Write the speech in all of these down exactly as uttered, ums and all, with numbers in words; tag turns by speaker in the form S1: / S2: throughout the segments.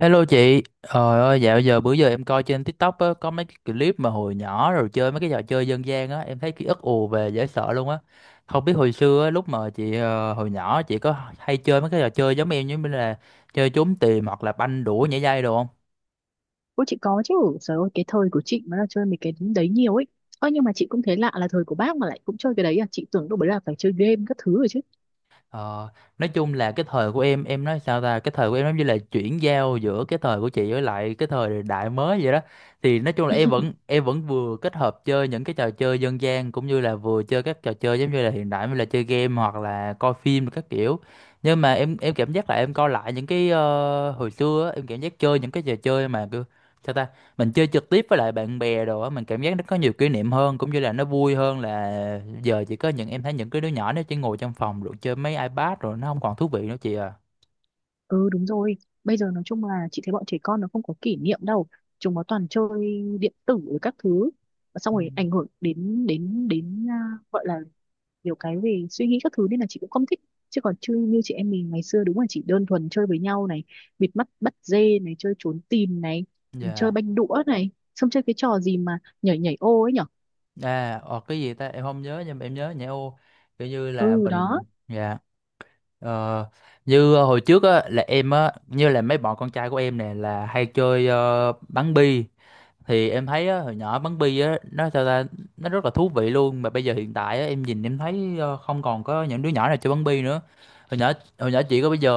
S1: Hello chị, trời ơi dạo giờ bữa giờ em coi trên TikTok á, có mấy cái clip mà hồi nhỏ rồi chơi mấy cái trò chơi dân gian á, em thấy ký ức ùa về dễ sợ luôn á. Không biết hồi xưa á, lúc mà chị ờ, hồi nhỏ chị có hay chơi mấy cái trò chơi giống em như là chơi trốn tìm hoặc là banh đũa nhảy dây đồ không?
S2: Ôi chị có chứ, trời ơi cái thời của chị mà là chơi mấy cái đấy nhiều ấy. Ơ nhưng mà chị cũng thấy lạ là thời của bác mà lại cũng chơi cái đấy à, chị tưởng đâu đấy là phải chơi game các thứ rồi chứ.
S1: Ờ, nói chung là cái thời của em em nói sao ta, cái thời của em giống như là chuyển giao giữa cái thời của chị với lại cái thời đại mới vậy đó, thì nói chung là em vẫn em vẫn vừa kết hợp chơi những cái trò chơi dân gian cũng như là vừa chơi các trò chơi giống như là hiện đại, như là chơi game hoặc là coi phim các kiểu. Nhưng mà em em cảm giác là em coi lại những cái ờ, hồi xưa á, em cảm giác chơi những cái trò chơi mà cứ, sao ta, mình chơi trực tiếp với lại bạn bè đồ á, mình cảm giác nó có nhiều kỷ niệm hơn cũng như là nó vui hơn, là giờ chỉ có những, em thấy những cái đứa nhỏ nó chỉ ngồi trong phòng rồi chơi mấy iPad rồi nó không còn thú vị nữa chị à.
S2: Ừ đúng rồi, bây giờ nói chung là chị thấy bọn trẻ con nó không có kỷ niệm đâu, chúng nó toàn chơi điện tử rồi các thứ, và xong
S1: Ừ.
S2: rồi ảnh hưởng đến đến đến à, gọi là nhiều cái về suy nghĩ các thứ nên là chị cũng không thích, chứ còn chưa như chị em mình ngày xưa đúng là chỉ đơn thuần chơi với nhau này, bịt mắt bắt dê này, chơi trốn tìm này, chơi
S1: Dạ.
S2: banh đũa này, xong chơi cái trò gì mà nhảy nhảy ô ấy nhở.
S1: À, ờ, cái gì ta em không nhớ nhưng mà em nhớ nhẹ ô, kiểu như là
S2: Ừ đó.
S1: mình. Dạ. Ờ, như hồi trước á là em á, như là mấy bọn con trai của em nè là hay chơi ờ, bắn bi, thì em thấy á, hồi nhỏ bắn bi á nó sao ta, nó rất là thú vị luôn, mà bây giờ hiện tại á, em nhìn em thấy ờ, không còn có những đứa nhỏ nào chơi bắn bi nữa. Hồi nhỏ, hồi nhỏ chị có bây giờ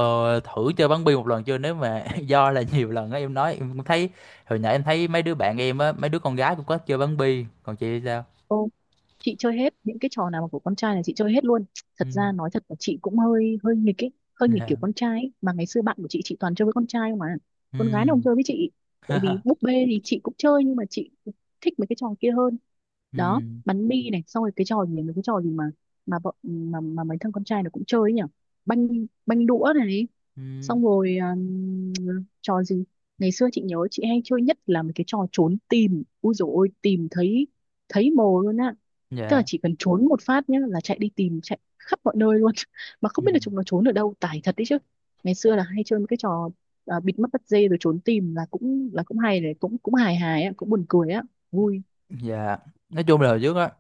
S1: thử chơi bắn bi một lần chưa, nếu mà do là nhiều lần á em nói em cũng thấy hồi nhỏ em thấy mấy đứa bạn em á, mấy đứa con gái cũng có chơi bắn bi, còn chị thì sao?
S2: Ô, chị chơi hết những cái trò nào mà của con trai là chị chơi hết luôn.
S1: Ừ.
S2: Thật ra nói thật là chị cũng hơi hơi nghịch ấy, hơi nghịch
S1: Dạ.
S2: kiểu con trai ấy. Mà ngày xưa bạn của chị chị toàn chơi với con trai không mà,
S1: Ừ.
S2: con gái nó không chơi với chị. Tại vì búp bê thì chị cũng chơi nhưng mà chị thích mấy cái trò kia hơn. Đó,
S1: Ừ.
S2: bắn bi này, xong rồi cái trò gì, mấy cái trò gì mà mà bọn mà mà mấy thằng con trai nó cũng chơi ấy nhỉ, banh banh đũa này,
S1: Ừ.
S2: xong rồi um, trò gì, ngày xưa chị nhớ chị hay chơi nhất là mấy cái trò trốn tìm, ui dồi ôi tìm thấy, thấy mồ luôn á. Tức là
S1: Dạ.
S2: chỉ cần trốn một phát nhá là chạy đi tìm, chạy khắp mọi nơi luôn mà không
S1: Ừ.
S2: biết là chúng nó trốn ở đâu, tải thật đấy chứ. Ngày xưa là hay chơi mấy cái trò, à, bịt mắt bắt dê rồi trốn tìm là cũng là cũng hay đấy, cũng cũng hài hài á, cũng buồn cười á, vui.
S1: Dạ. Nói chung là hồi trước á,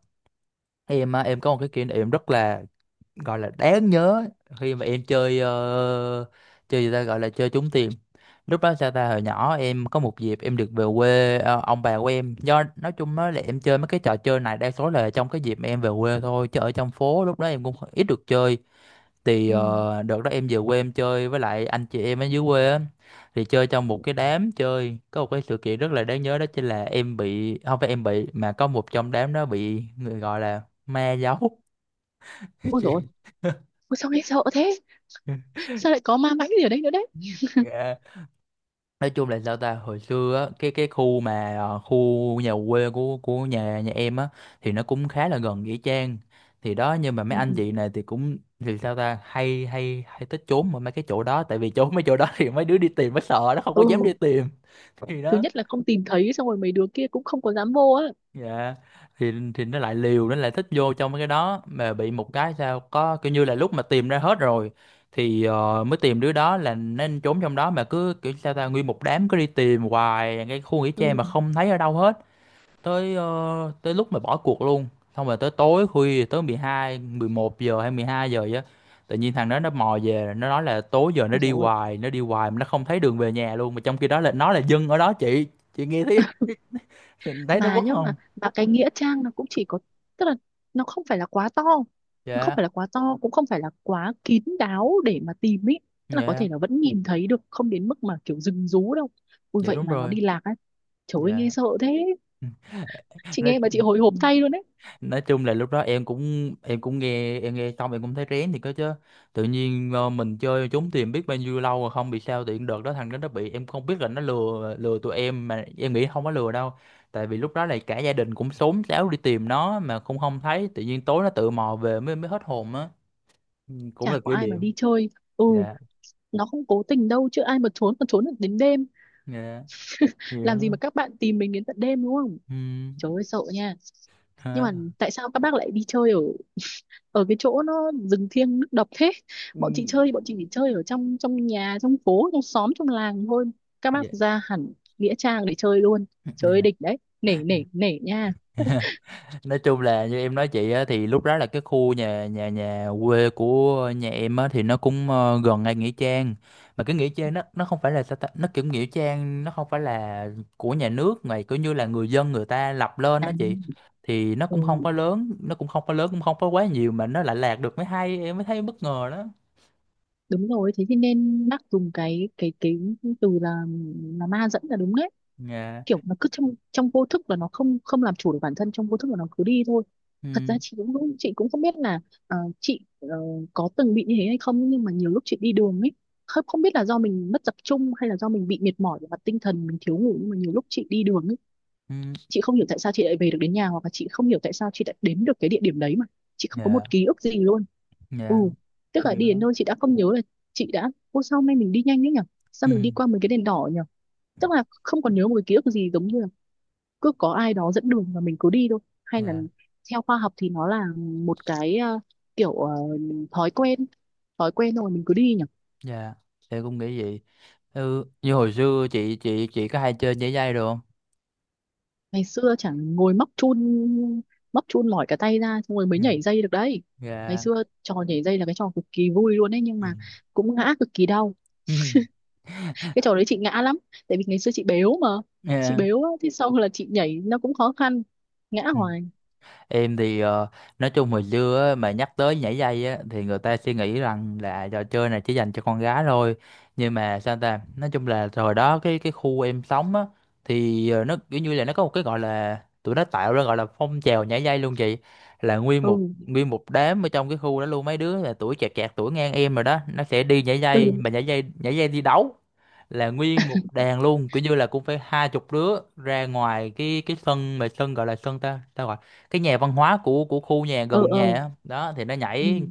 S1: em á, em có một cái kỷ niệm rất là, gọi là đáng nhớ, khi mà em chơi ờ, chơi gì ta, gọi là chơi trúng tiền. Lúc đó sao ta, hồi nhỏ em có một dịp em được về quê ờ, ông bà của em, do nói chung nói là em chơi mấy cái trò chơi này đa số là trong cái dịp mà em về quê thôi, chứ ở trong phố lúc đó em cũng ít được chơi. Thì
S2: Ừ.
S1: ờ, đợt đó em về quê em chơi với lại anh chị em ở dưới quê á, thì chơi trong một cái đám chơi, có một cái sự kiện rất là đáng nhớ, đó chính là em bị, không phải em bị mà có một trong đám đó bị người gọi là ma giấu.
S2: Ôi dồi ôi.
S1: Chị-
S2: ôi, sao nghe sợ thế, sao lại có ma mãnh gì ở đây nữa đấy.
S1: Dạ. Nói chung là sao ta, hồi xưa á, cái cái khu mà ờ, khu nhà quê của của nhà nhà em á thì nó cũng khá là gần nghĩa trang. Thì đó, nhưng mà mấy anh
S2: Ừ.
S1: chị này thì cũng, thì sao ta, hay hay hay thích trốn ở mấy cái chỗ đó, tại vì trốn mấy chỗ đó thì mấy đứa đi tìm mới sợ, nó không có
S2: Ừ,
S1: dám đi tìm. Thì
S2: thứ
S1: đó.
S2: nhất là không tìm thấy, xong rồi mấy đứa kia cũng không có dám vô á.
S1: Dạ. Thì thì nó lại liều, nó lại thích vô trong mấy cái đó, mà bị một cái sao có kiểu như là lúc mà tìm ra hết rồi thì ờ, mới tìm đứa đó là nên trốn trong đó, mà cứ kiểu sao ta, nguyên một đám cứ đi tìm hoài cái khu nghỉ
S2: Ừ.
S1: trang mà không thấy ở đâu hết, tới ờ, tới lúc mà bỏ cuộc luôn. Xong rồi tới tối khuya, tới mười hai mười một giờ hay mười hai giờ vậy á, tự nhiên thằng đó nó mò về, nó nói là tối giờ nó
S2: Ôi
S1: đi
S2: dồi ôi.
S1: hoài, nó đi hoài mà nó không thấy đường về nhà luôn, mà trong khi đó là nó là dân ở đó chị. Chị nghe thấy, thấy nó
S2: Mà
S1: mất
S2: nhớ mà
S1: không?
S2: mà cái nghĩa trang nó cũng chỉ có, tức là nó không phải là quá to, nó không
S1: Dạ.
S2: phải là quá to, cũng không phải là quá kín đáo để mà tìm ý. Tức là có
S1: Dạ.
S2: thể là vẫn nhìn thấy được, không đến mức mà kiểu rừng rú đâu. Ui
S1: Dạ
S2: vậy
S1: đúng
S2: mà nó
S1: rồi.
S2: đi lạc á, trời ơi nghe
S1: Dạ.
S2: sợ thế, chị
S1: nói
S2: nghe mà chị hồi hộp thay luôn đấy.
S1: nói chung là lúc đó em cũng em cũng nghe, em nghe xong em cũng thấy rén thì có chứ. Tự nhiên ờ, mình chơi trốn tìm biết bao nhiêu lâu rồi không bị sao, tiện đợt đó thằng đó nó bị, em không biết là nó lừa, lừa tụi em, mà em nghĩ không có lừa đâu, tại vì lúc đó là cả gia đình cũng xốn xáo đi tìm nó mà không không thấy, tự nhiên tối nó tự mò về mới, mới hết hồn á. Ừ, cũng
S2: Chả
S1: là
S2: có
S1: kỷ
S2: ai mà
S1: niệm.
S2: đi chơi. Ừ.
S1: Dạ.
S2: Nó không cố tình đâu chứ ai mà trốn còn trốn được đến đêm,
S1: Dạ gì đó.
S2: làm gì mà các bạn tìm mình đến tận đêm đúng không.
S1: Ừ.
S2: Trời ơi sợ nha. Nhưng mà
S1: Ha.
S2: tại sao các bác lại đi chơi ở ở cái chỗ nó rừng thiêng nước độc thế.
S1: Ừ.
S2: Bọn chị chơi thì bọn chị chỉ chơi ở trong trong nhà, trong phố, trong xóm, trong làng thôi. Các bác
S1: Dạ.
S2: ra hẳn nghĩa trang để chơi luôn. Chơi
S1: Dạ.
S2: địch đấy, nể nể nể nha.
S1: Nói chung là như em nói chị á, thì lúc đó là cái khu nhà nhà nhà quê của nhà em á thì nó cũng ờ, gần ngay nghĩa trang. Mà cái nghĩa trang nó, nó không phải là, sao ta, nó kiểu nghĩa trang nó không phải là của nhà nước, mà kiểu như là người dân người ta lập lên
S2: À
S1: đó chị. Thì nó
S2: ừ,
S1: cũng không có lớn, nó cũng không có lớn cũng không có quá nhiều mà nó lại lạc được mới hay, em mới thấy bất ngờ đó.
S2: đúng rồi, thế thì nên bác dùng cái cái cái từ là là ma dẫn là đúng đấy.
S1: Dạ.
S2: Kiểu nó cứ trong trong vô thức và nó không không làm chủ được bản thân trong vô thức và nó cứ đi thôi. Thật ra
S1: Ừ.
S2: chị cũng cũng- chị cũng không biết là, ờ, chị ờ, có từng bị như thế hay không, nhưng mà nhiều lúc chị đi đường ấy, không không biết là do mình mất tập trung hay là do mình bị mệt mỏi về mặt tinh thần, mình thiếu ngủ, nhưng mà nhiều lúc chị đi đường ấy
S1: Ừ.
S2: chị không hiểu tại sao chị lại về được đến nhà, hoặc là chị không hiểu tại sao chị lại đến được cái địa điểm đấy mà chị không có
S1: Dạ.
S2: một ký ức gì luôn. Ừ.
S1: Dạ.
S2: Tức là
S1: Dạ.
S2: đi đến nơi chị đã không nhớ là chị đã, ô sao hôm nay mình đi nhanh đấy nhở, sao
S1: Ừ.
S2: mình đi qua mấy cái đèn đỏ nhở, tức là không còn nhớ một cái ký ức gì, giống như là cứ có ai đó dẫn đường và mình cứ đi thôi. Hay là
S1: Dạ.
S2: theo khoa học thì nó là một cái, ờ, kiểu ờ, thói quen, thói quen rồi mình cứ đi nhỉ.
S1: Dạ em cũng nghĩ vậy. Ừ, như hồi xưa chị chị chị có hay chơi nhảy dây được không?
S2: Ngày xưa chẳng ngồi móc chun, móc chun mỏi cả tay ra xong rồi mới
S1: Yeah.
S2: nhảy dây được đấy. Ngày
S1: Yeah.
S2: xưa trò nhảy dây là cái trò cực kỳ vui luôn đấy, nhưng
S1: Yeah.
S2: mà cũng ngã cực kỳ đau. Cái trò đấy chị ngã lắm, tại vì ngày xưa chị béo mà, chị
S1: Yeah.
S2: béo á, thế sau là chị nhảy nó cũng khó khăn, ngã
S1: Mm.
S2: hoài.
S1: Em thì ờ, nói chung hồi xưa á, mà nhắc tới nhảy dây á, thì người ta suy nghĩ rằng là trò chơi này chỉ dành cho con gái thôi. Nhưng mà sao ta, nói chung là hồi đó cái cái khu em sống á, thì ờ, nó kiểu như là nó có một cái gọi là, tụi nó tạo ra gọi là phong trào nhảy dây luôn chị. Là nguyên một,
S2: Ừ,
S1: nguyên một đám ở trong cái khu đó luôn, mấy đứa là tuổi chẹt chẹt tuổi ngang em rồi đó, nó sẽ đi nhảy dây,
S2: ừ,
S1: mà nhảy dây nhảy dây đi đấu, là nguyên một đàn luôn, kiểu như là cũng phải hai chục đứa ra ngoài cái cái sân, mà sân gọi là sân ta ta gọi cái nhà văn hóa của của khu nhà
S2: ừ,
S1: gần nhà
S2: ừ,
S1: á. Đó thì nó
S2: ừ,
S1: nhảy,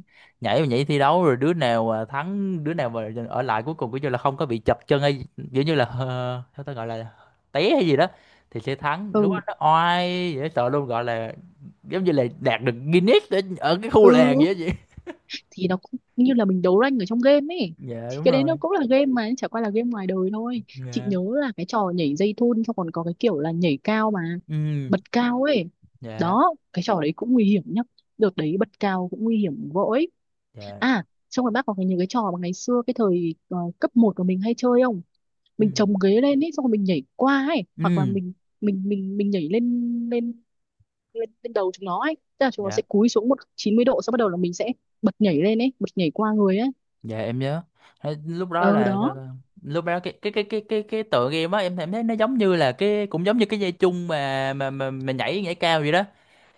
S1: nhảy và nhảy thi đấu, rồi đứa nào à, thắng, đứa nào mà ở lại cuối cùng kiểu như là không có bị chập chân hay kiểu như là ờ, sao ta gọi là té hay gì đó thì sẽ thắng. Lúc đó
S2: ừ,
S1: nó oai dễ sợ luôn, gọi là giống như là đạt được Guinness ở, ở cái khu
S2: ừ.
S1: làng vậy đó chị.
S2: Thì nó cũng như là mình đấu rank ở trong game ấy,
S1: Dạ
S2: thì
S1: đúng
S2: cái đấy nó
S1: rồi.
S2: cũng là game mà chả qua là game ngoài đời thôi. Chị
S1: Dạ.
S2: nhớ là cái trò nhảy dây thun xong còn có cái kiểu là nhảy cao mà,
S1: Ừ.
S2: bật cao ấy.
S1: Dạ.
S2: Đó, cái trò đấy cũng nguy hiểm nhá, đợt đấy bật cao cũng nguy hiểm vội.
S1: Dạ.
S2: À, xong rồi bác có cái những cái trò mà ngày xưa cái thời ờ, cấp một của mình hay chơi không.
S1: Ừ.
S2: Mình chồng ghế lên ấy xong rồi mình nhảy qua ấy, hoặc là
S1: Ừ.
S2: mình mình mình mình nhảy lên lên lên, lên đầu chúng nó ấy, tức là chúng nó
S1: Dạ.
S2: sẽ cúi xuống một chín mươi độ sau bắt đầu là mình sẽ bật nhảy lên ấy, bật nhảy qua người ấy.
S1: Dạ em nhớ. Thế lúc đó. Ừ.
S2: ờ
S1: Là
S2: đó.
S1: lúc đó cái cái cái cái cái cái tựa game á, em em thấy nó giống như là cái, cũng giống như cái dây chung mà mà mà, mà nhảy, nhảy cao vậy đó.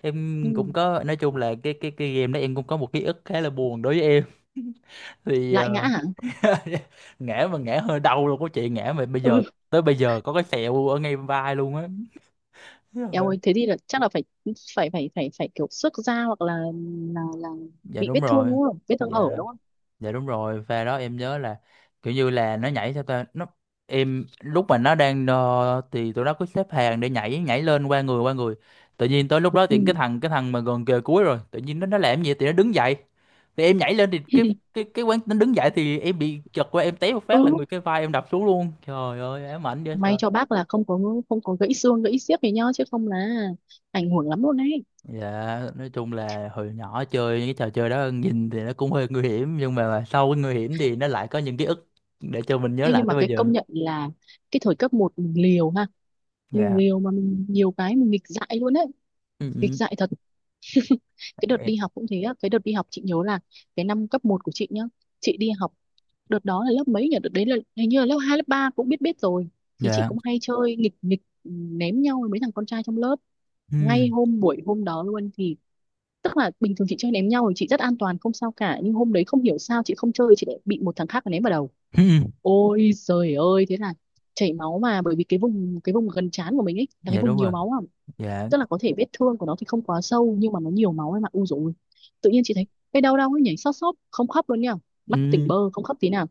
S1: Em cũng
S2: Ừ.
S1: có, nói chung là cái cái cái game đó em cũng có một ký ức khá là buồn đối với em. Thì
S2: Lại ngã
S1: ờ,
S2: hả.
S1: ngã, mà ngã hơi đau luôn, có chuyện ngã mà bây giờ,
S2: Ừ,
S1: tới bây giờ có cái sẹo ở ngay vai luôn á.
S2: eo ơi thế thì là chắc là phải phải phải phải phải kiểu xước da hoặc là là là
S1: Dạ
S2: bị vết
S1: đúng
S2: thương
S1: rồi.
S2: đúng không, vết thương hở
S1: Dạ.
S2: đúng không.
S1: Dạ đúng rồi, pha đó em nhớ là kiểu như là nó nhảy theo ta, nó, em lúc mà nó đang ờ, thì tụi nó cứ xếp hàng để nhảy, nhảy lên qua người, qua người tự nhiên tới lúc đó
S2: Ừ.
S1: thì cái thằng cái thằng mà gần kề cuối rồi tự nhiên nó nó làm gì thì nó đứng dậy, thì em nhảy lên thì cái cái cái quán nó đứng dậy thì em bị chật qua, em té một
S2: Ừ,
S1: phát là người, cái vai em đập xuống luôn, trời ơi ám ảnh dễ
S2: may
S1: sợ.
S2: cho bác là không có không có gãy xương gãy xiếc gì nhá, chứ không là ảnh hưởng lắm luôn đấy.
S1: Dạ. Nói chung là hồi nhỏ chơi những cái trò chơi đó nhìn thì nó cũng hơi nguy hiểm, nhưng mà sau cái nguy hiểm thì nó lại có những ký ức để cho mình nhớ
S2: Thế
S1: lại
S2: nhưng mà
S1: tới bây
S2: cái
S1: giờ.
S2: công nhận là cái thời cấp một mình liều ha, mình
S1: Dạ.
S2: liều mà mình nhiều cái mình nghịch dại luôn đấy,
S1: Ừ,
S2: nghịch
S1: ừ.
S2: dại thật. Cái đợt
S1: Dạ.
S2: đi học cũng thế á, cái đợt đi học chị nhớ là cái năm cấp một của chị nhá, chị đi học đợt đó là lớp mấy nhỉ, đợt đấy là hình như là lớp hai lớp ba cũng biết biết rồi. Thì chị
S1: Dạ.
S2: cũng hay chơi nghịch nghịch, ừ, ném nhau với mấy thằng con trai trong lớp.
S1: Ừ,
S2: Ngay hôm buổi hôm đó luôn thì, tức là bình thường chị chơi ném nhau thì chị rất an toàn không sao cả, nhưng hôm đấy không hiểu sao chị không chơi chị lại bị một thằng khác ném vào đầu.
S1: ừ.
S2: Ôi trời ơi thế là chảy máu, mà bởi vì cái vùng cái vùng gần trán của mình ấy là cái
S1: Dạ
S2: vùng
S1: đúng
S2: nhiều
S1: rồi.
S2: máu à,
S1: Dạ.
S2: tức là có thể vết thương của nó thì không quá sâu nhưng mà nó nhiều máu em ạ u rồi. Tự nhiên chị thấy cái đau đau ấy nhảy xót xót không khóc luôn nha, mắt tỉnh
S1: Ừ,
S2: bơ không khóc tí nào.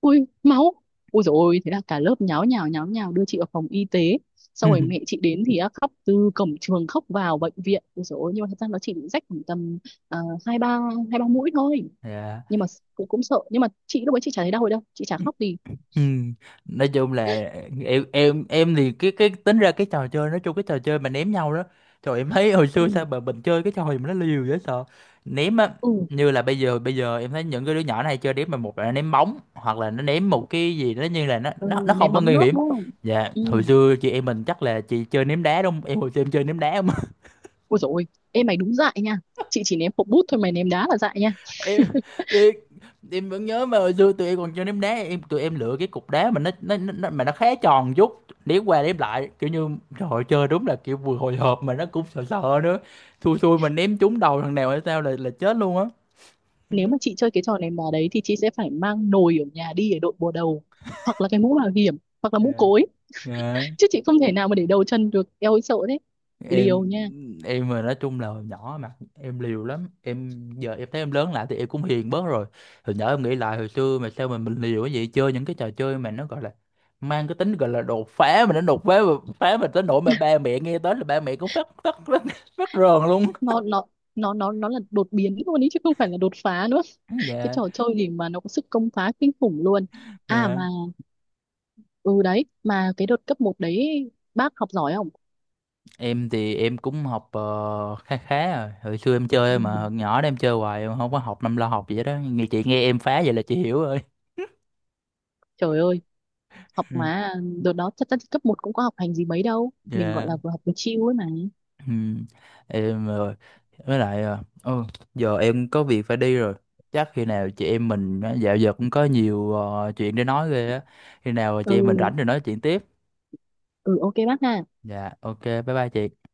S2: Ui máu, ui dồi ôi thế là cả lớp nháo nhào nháo nhào đưa chị vào phòng y tế. Sau rồi
S1: ừ.
S2: mẹ chị đến thì á, khóc từ cổng trường khóc vào bệnh viện, ui dồi ôi. Nhưng mà thật ra nó chỉ bị rách khoảng tầm ờ, hai ba hai ba mũi thôi,
S1: Dạ.
S2: nhưng mà cũng cũng sợ, nhưng mà chị lúc ấy chị chả thấy đau rồi đâu, chị chả khóc gì.
S1: Ừ. Nói chung là em em em thì cái cái tính ra cái trò chơi, nói chung cái trò chơi mà ném nhau đó, trời em thấy hồi
S2: Ừ,
S1: xưa sao mà mình chơi cái trò gì mà nó liều dễ sợ, ném á.
S2: ừ,
S1: Như là bây giờ, bây giờ em thấy những cái đứa nhỏ này chơi ném, mà một là nó ném bóng hoặc là nó ném một cái gì đó, như là nó
S2: ừ.
S1: nó nó không
S2: Ném
S1: có
S2: bóng
S1: nguy
S2: nước
S1: hiểm.
S2: đúng không.
S1: Dạ
S2: Ừ.
S1: hồi xưa chị em mình chắc là chị chơi ném đá đúng không, em hồi xưa em chơi ném đá.
S2: Ôi dồi ôi, em mày đúng dại nha. Chị chỉ ném hộp bút thôi, mày ném đá là dại nha.
S1: Em thì em vẫn nhớ mà hồi xưa tụi em còn chơi ném đá em, tụi em lựa cái cục đá mà nó nó, nó mà nó khá tròn chút, ném qua ném lại kiểu như, trời ơi, chơi đúng là kiểu vừa hồi hộp mà nó cũng sợ sợ nữa, xui xui mà ném trúng đầu thằng nào hay sao là là chết luôn á.
S2: Nếu mà chị chơi cái trò ném đá đấy thì chị sẽ phải mang nồi ở nhà đi để đội bùa đầu. Hoặc là cái mũ bảo hiểm, hoặc là mũ
S1: Dạ.
S2: cối.
S1: Dạ.
S2: Chứ chị không thể nào mà để đầu chân được. Eo ơi sợ thế.
S1: em
S2: Liều nha.
S1: em mà, nói chung là hồi nhỏ mà em liều lắm em, giờ em thấy em lớn lại thì em cũng hiền bớt rồi. Hồi nhỏ em nghĩ lại hồi xưa mà sao mà mình liều, cái gì chơi những cái trò chơi mà nó gọi là mang cái tính gọi là đột phá, mà nó đột phá mà phá mà tới nỗi mà ba mẹ nghe tới là ba mẹ cũng phát phát phát, phát rờn luôn.
S2: Nó nó nó nó nó là đột biến luôn ý chứ không phải là đột phá nữa. Cái
S1: Dạ.
S2: trò chơi gì mà nó có sức công phá kinh khủng luôn. À mà,
S1: Dạ.
S2: ừ đấy, mà cái đợt cấp một đấy bác học giỏi không?
S1: Em thì em cũng học ờ, khá khá rồi, hồi xưa em
S2: Ừ,
S1: chơi mà, hồi nhỏ đó em chơi hoài em không có học, năm lo học gì hết đó, nghe chị nghe em phá vậy là chị hiểu rồi.
S2: trời ơi học
S1: Ừ.
S2: mà, đợt đó thật ra thì cấp một cũng có học hành gì mấy đâu, mình gọi
S1: Dạ.
S2: là vừa học vừa chill ấy mà.
S1: Ừ, em rồi với lại ờ, ừ, giờ em có việc phải đi rồi, chắc khi nào chị em mình á, dạo giờ cũng có nhiều ờ, chuyện để nói ghê á, khi nào chị
S2: Ừ,
S1: em mình rảnh rồi nói chuyện tiếp.
S2: ừ, ok bác ha.
S1: Dạ ok bye bye chị.